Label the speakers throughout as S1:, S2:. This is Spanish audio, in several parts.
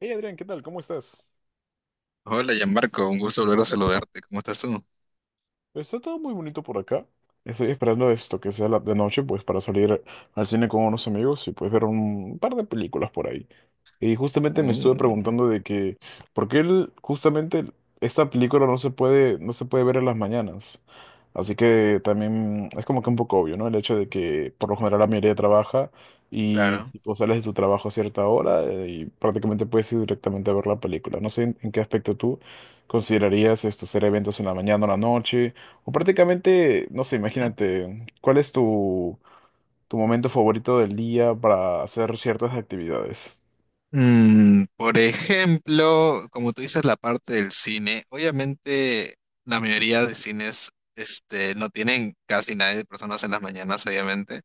S1: Hey Adrián, ¿qué tal? ¿Cómo estás?
S2: Hola, Gianmarco, un gusto volver a saludarte. ¿Cómo estás tú?
S1: Está todo muy bonito por acá. Estoy esperando esto, que sea la de noche, pues para salir al cine con unos amigos y pues ver un par de películas por ahí. Y justamente me estuve
S2: Uh,
S1: preguntando de que, ¿por qué esta película no se puede ver en las mañanas? Así que también es como que un poco obvio, ¿no? El hecho de que por lo general la mayoría trabaja y
S2: claro.
S1: tipo, sales de tu trabajo a cierta hora, y prácticamente puedes ir directamente a ver la película. No sé en qué aspecto tú considerarías esto, ser eventos en la mañana o la noche. O prácticamente, no sé, imagínate, ¿cuál es tu momento favorito del día para hacer ciertas actividades?
S2: Por ejemplo, como tú dices, la parte del cine, obviamente la mayoría de cines no tienen casi nadie de personas en las mañanas, obviamente,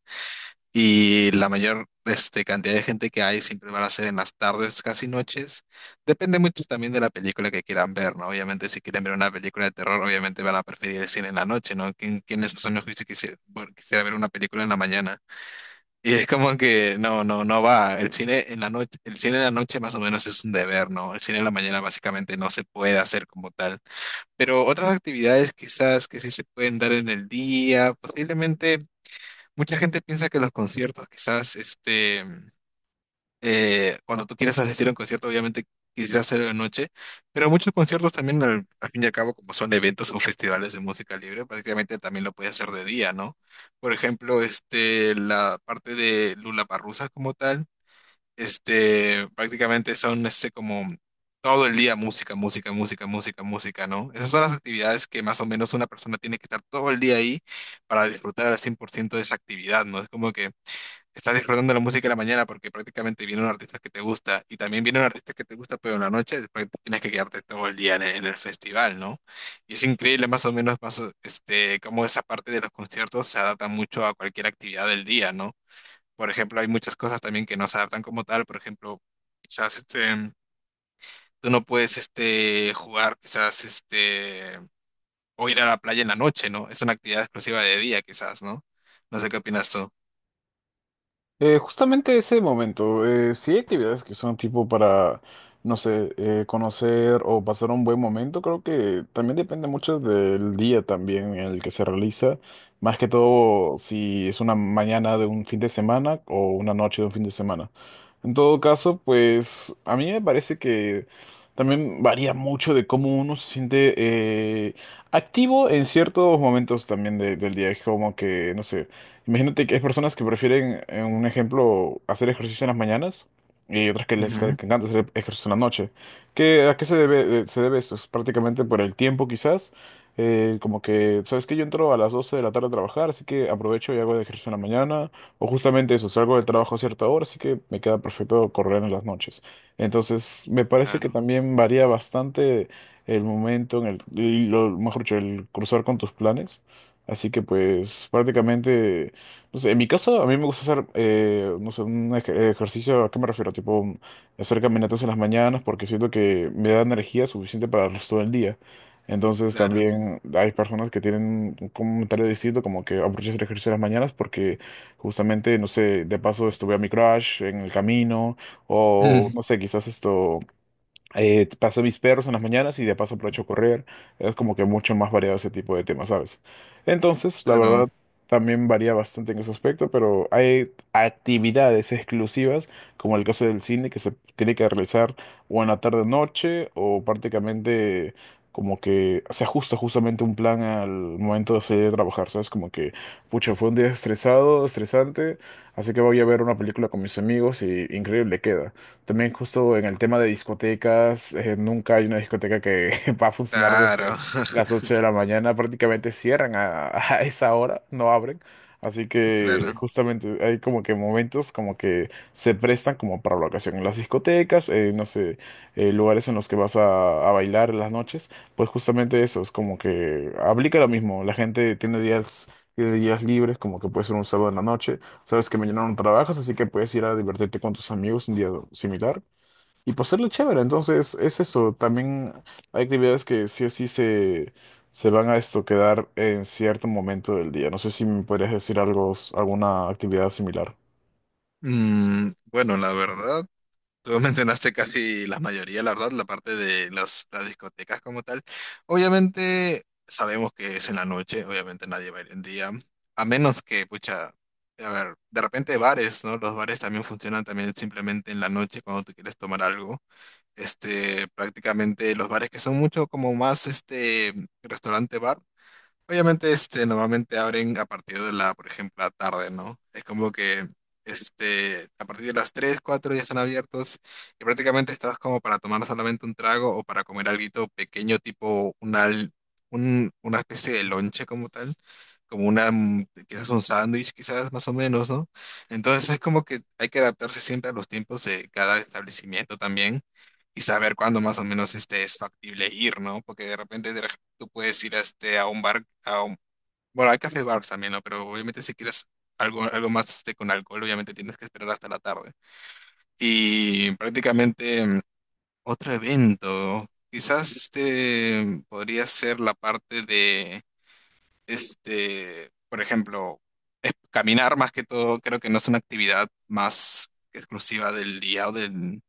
S2: y la mayor cantidad de gente que hay siempre van a ser en las tardes, casi noches. Depende mucho también de la película que quieran ver, ¿no? Obviamente, si quieren ver una película de terror, obviamente van a preferir el cine en la noche, ¿no? ¿Quién de esos son los juicios que quisiera, bueno, quisiera ver una película en la mañana? Y es como que no, no, no va. El cine en la noche, el cine en la noche más o menos es un deber, ¿no? El cine en la mañana básicamente no se puede hacer como tal. Pero otras actividades quizás que sí se pueden dar en el día, posiblemente mucha gente piensa que los conciertos quizás cuando tú quieres asistir a un concierto, obviamente quisieras hacerlo de noche, pero muchos conciertos también, al fin y al cabo, como son eventos o festivales de música libre, prácticamente también lo puedes hacer de día, ¿no? Por ejemplo, la parte de Lollapalooza como tal, prácticamente son como todo el día música, música, música, música, música, ¿no? Esas son las actividades que más o menos una persona tiene que estar todo el día ahí para disfrutar al 100% de esa actividad, ¿no? Es como que estás disfrutando la música en la mañana porque prácticamente viene un artista que te gusta y también viene un artista que te gusta, pero en la noche después tienes que quedarte todo el día en el festival, ¿no? Y es increíble más o menos más, cómo esa parte de los conciertos se adapta mucho a cualquier actividad del día, ¿no? Por ejemplo, hay muchas cosas también que no se adaptan como tal, por ejemplo, quizás tú no puedes jugar, quizás o ir a la playa en la noche, ¿no? Es una actividad exclusiva de día, quizás, ¿no? No sé qué opinas tú.
S1: Justamente ese momento, sí hay actividades que son tipo para, no sé, conocer o pasar un buen momento, creo que también depende mucho del día también en el que se realiza, más que todo si es una mañana de un fin de semana o una noche de un fin de semana. En todo caso, pues a mí me parece que también varía mucho de cómo uno se siente eh, activo en ciertos momentos también del día, es como que, no sé. Imagínate que hay personas que prefieren, en un ejemplo, hacer ejercicio en las mañanas y otras que
S2: Ujú.
S1: que encanta hacer ejercicio en la noche. ¿A qué se debe, esto? Es prácticamente por el tiempo quizás. Como que, ¿sabes qué? Yo entro a las 12 de la tarde a trabajar, así que aprovecho y hago ejercicio en la mañana. O justamente eso, salgo del trabajo a cierta hora, así que me queda perfecto correr en las noches. Entonces, me parece que
S2: Claro,
S1: también varía bastante el momento en el, y lo, mejor dicho, el cruzar con tus planes. Así que pues prácticamente... No sé, en mi caso, a mí me gusta hacer, no sé, un ejercicio. ¿A qué me refiero? Tipo, hacer caminatas en las mañanas porque siento que me da energía suficiente para el resto del día. Entonces
S2: claro.
S1: también hay personas que tienen un comentario distinto, como que aprovecho hacer ejercicio en las mañanas porque justamente, no sé, de paso estuve a mi crush en el camino o, no sé, quizás esto, paso mis perros en las mañanas y de paso aprovecho a correr. Es como que mucho más variado ese tipo de temas, ¿sabes? Entonces, la verdad,
S2: Claro,
S1: también varía bastante en ese aspecto, pero hay actividades exclusivas, como el caso del cine, que se tiene que realizar o en la tarde o noche, o prácticamente como que se ajusta justamente un plan al momento de salir de trabajar, ¿sabes? Como que, pucha, fue un día estresado, estresante, así que voy a ver una película con mis amigos y increíble queda. También justo en el tema de discotecas, nunca hay una discoteca que va a funcionar desde
S2: claro,
S1: las 8 de la mañana; prácticamente cierran a, a esa hora, no abren. Así que
S2: claro.
S1: justamente hay como que momentos como que se prestan como para la ocasión. En las discotecas, no sé, lugares en los que vas a bailar en las noches, pues justamente eso, es como que aplica lo mismo. La gente tiene días libres, como que puede ser un sábado en la noche. Sabes que mañana no trabajas, así que puedes ir a divertirte con tus amigos un día similar y pasarlo chévere. Entonces, es eso. También hay actividades que sí o sí se van a esto quedar en cierto momento del día. No sé si me podrías decir algo, alguna actividad similar.
S2: Bueno, la verdad, tú mencionaste casi la mayoría, la verdad, la parte de las discotecas como tal. Obviamente sabemos que es en la noche, obviamente nadie va a ir en día, a menos que, pucha, a ver, de repente bares, ¿no? Los bares también funcionan también simplemente en la noche cuando tú quieres tomar algo. Prácticamente los bares que son mucho como más, restaurante bar. Obviamente, normalmente abren a partir de la, por ejemplo, la tarde, ¿no? Es como que, a partir de las 3 4 ya están abiertos y prácticamente estás como para tomar solamente un trago o para comer algo pequeño, tipo una especie de lonche como tal, como una, quizás un sándwich, quizás más o menos, ¿no? Entonces es como que hay que adaptarse siempre a los tiempos de cada establecimiento también y saber cuándo más o menos este es factible ir, ¿no? Porque de repente de re- tú puedes ir a, a un bar, bueno, hay café bars también, ¿no? Pero obviamente si quieres algo más con alcohol, obviamente tienes que esperar hasta la tarde. Y prácticamente otro evento, quizás podría ser la parte de, por ejemplo, caminar más que todo, creo que no es una actividad más exclusiva del día o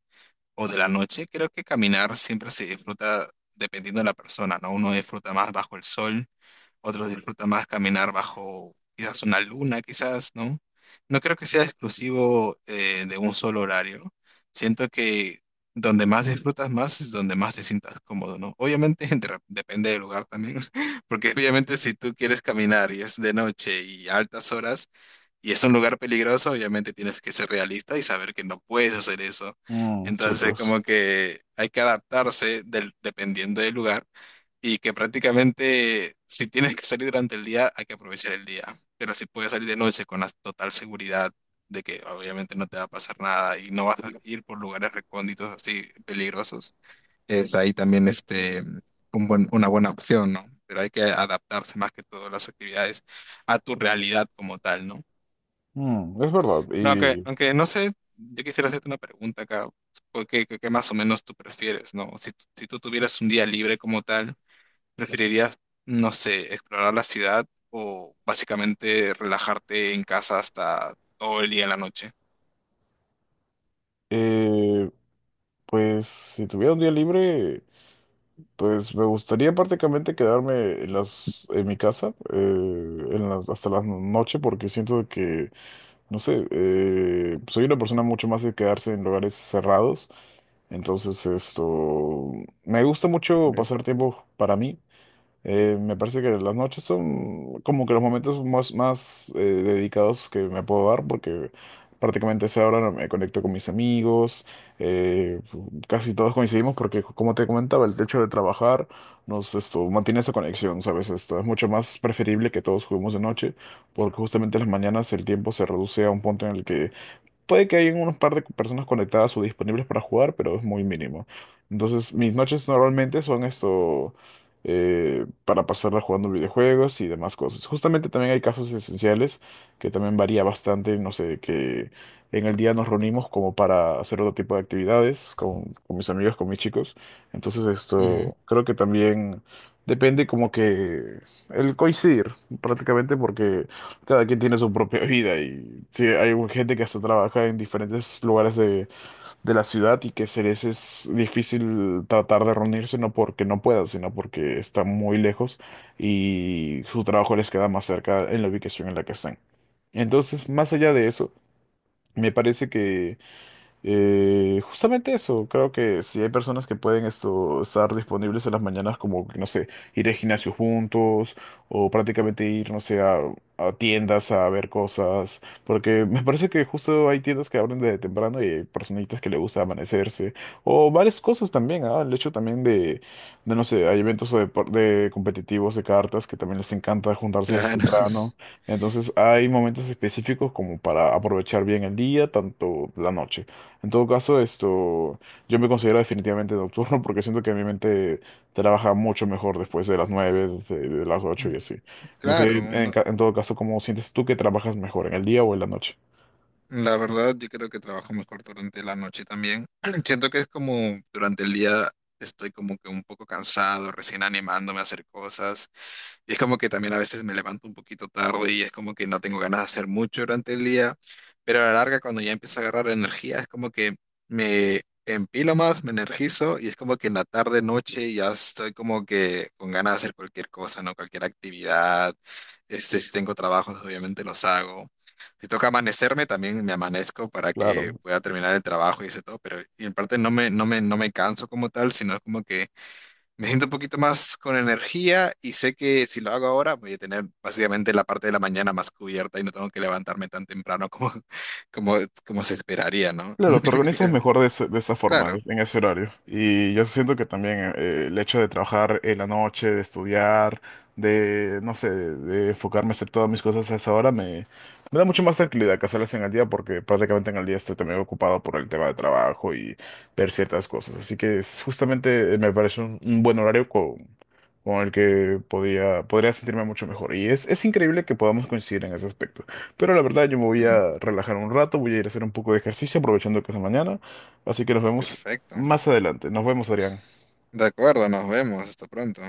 S2: o de la noche, creo que caminar siempre se disfruta dependiendo de la persona, ¿no? Uno disfruta más bajo el sol, otro disfruta más caminar bajo quizás una luna, quizás, ¿no? No creo que sea exclusivo de un solo horario. Siento que donde más disfrutas más es donde más te sientas cómodo, ¿no? Obviamente depende del lugar también, porque obviamente si tú quieres caminar y es de noche y a altas horas, y es un lugar peligroso, obviamente tienes que ser realista y saber que no puedes hacer eso.
S1: Mm, sí,
S2: Entonces,
S1: pues.
S2: como que hay que adaptarse dependiendo del lugar y que prácticamente si tienes que salir durante el día, hay que aprovechar el día. Pero si puedes salir de noche con la total seguridad de que obviamente no te va a pasar nada y no vas a ir por lugares recónditos así peligrosos, es ahí también una buena opción, ¿no? Pero hay que adaptarse más que todo las actividades a tu realidad como tal, ¿no?
S1: Mm, es verdad.
S2: No, aunque,
S1: Y
S2: aunque no sé, yo quisiera hacerte una pregunta acá, porque que más o menos tú prefieres, ¿no? Si tú tuvieras un día libre como tal, ¿preferirías, no sé, explorar la ciudad o básicamente relajarte en casa hasta todo el día en la noche?
S1: eh, pues si tuviera un día libre, pues me gustaría prácticamente quedarme en mi casa hasta la noche porque siento que no sé, soy una persona mucho más de quedarse en lugares cerrados, entonces esto, me gusta mucho pasar tiempo para mí. Me parece que las noches son como que los momentos más dedicados que me puedo dar porque prácticamente a esa hora me conecto con mis amigos. eh, Casi todos coincidimos porque, como te comentaba, el hecho de trabajar nos esto, mantiene esa conexión, ¿sabes? Esto es mucho más preferible, que todos juguemos de noche, porque justamente en las mañanas el tiempo se reduce a un punto en el que puede que hayan unos par de personas conectadas o disponibles para jugar, pero es muy mínimo. Entonces, mis noches normalmente son esto, para pasarla jugando videojuegos y demás cosas. Justamente también hay casos esenciales que también varía bastante, no sé, que en el día nos reunimos como para hacer otro tipo de actividades con mis amigos, con mis chicos. Entonces,
S2: Ujú.
S1: esto creo que también depende como que el coincidir prácticamente porque... Cada quien tiene su propia vida y sí, hay gente que hasta trabaja en diferentes lugares de la ciudad y que se les es difícil tratar de reunirse, no porque no puedan, sino porque están muy lejos y su trabajo les queda más cerca en la ubicación en la que están. Entonces, más allá de eso, me parece que justamente eso, creo que si hay personas que pueden esto, estar disponibles en las mañanas, como, que, no sé, ir al gimnasio juntos o prácticamente ir, no sé, a tiendas a ver cosas, porque me parece que justo hay tiendas que abren desde temprano y hay personitas que le gusta amanecerse o varias cosas también, ah, el hecho también no sé, hay eventos de competitivos de cartas que también les encanta juntarse desde
S2: Claro.
S1: temprano, entonces hay momentos específicos como para aprovechar bien el día, tanto la noche. En todo caso, esto, yo me considero definitivamente nocturno porque siento que mi mente trabaja mucho mejor después de las 9, de las 8
S2: Mm.
S1: y así. No sé,
S2: Claro,
S1: en todo caso, ¿cómo sientes tú que trabajas mejor, en el día o en la noche?
S2: la verdad yo creo que trabajo mejor durante la noche también. Siento que es como durante el día estoy como que un poco cansado, recién animándome a hacer cosas. Y es como que también a veces me levanto un poquito tarde y es como que no tengo ganas de hacer mucho durante el día, pero a la larga cuando ya empiezo a agarrar energía es como que me empilo más, me energizo y es como que en la tarde, noche ya estoy como que con ganas de hacer cualquier cosa, ¿no? Cualquier actividad, si tengo trabajos obviamente los hago. Si toca amanecerme, también me amanezco para que
S1: Claro.
S2: pueda terminar el trabajo y ese todo, pero y en parte no me canso como tal, sino como que me siento un poquito más con energía y sé que si lo hago ahora voy a tener básicamente la parte de la mañana más cubierta y no tengo que levantarme tan temprano como, como se esperaría, ¿no?
S1: Claro, te organizas
S2: Es-
S1: mejor de esa forma,
S2: Claro.
S1: en ese horario. Y yo siento que también el hecho de trabajar en la noche, de estudiar, no sé, de enfocarme a hacer todas mis cosas a esa hora, me da mucho más tranquilidad que hacerlas en el día, porque prácticamente en el día estoy también ocupado por el tema de trabajo y ver ciertas cosas. Así que justamente, me parece un buen horario con el que podría sentirme mucho mejor. Y es increíble que podamos coincidir en ese aspecto. Pero la verdad yo me voy
S2: Ujú.
S1: a relajar un rato, voy a ir a hacer un poco de ejercicio aprovechando que es de mañana. Así que nos vemos
S2: Perfecto.
S1: más adelante. Nos vemos, Adrián.
S2: De acuerdo, nos vemos. Hasta pronto.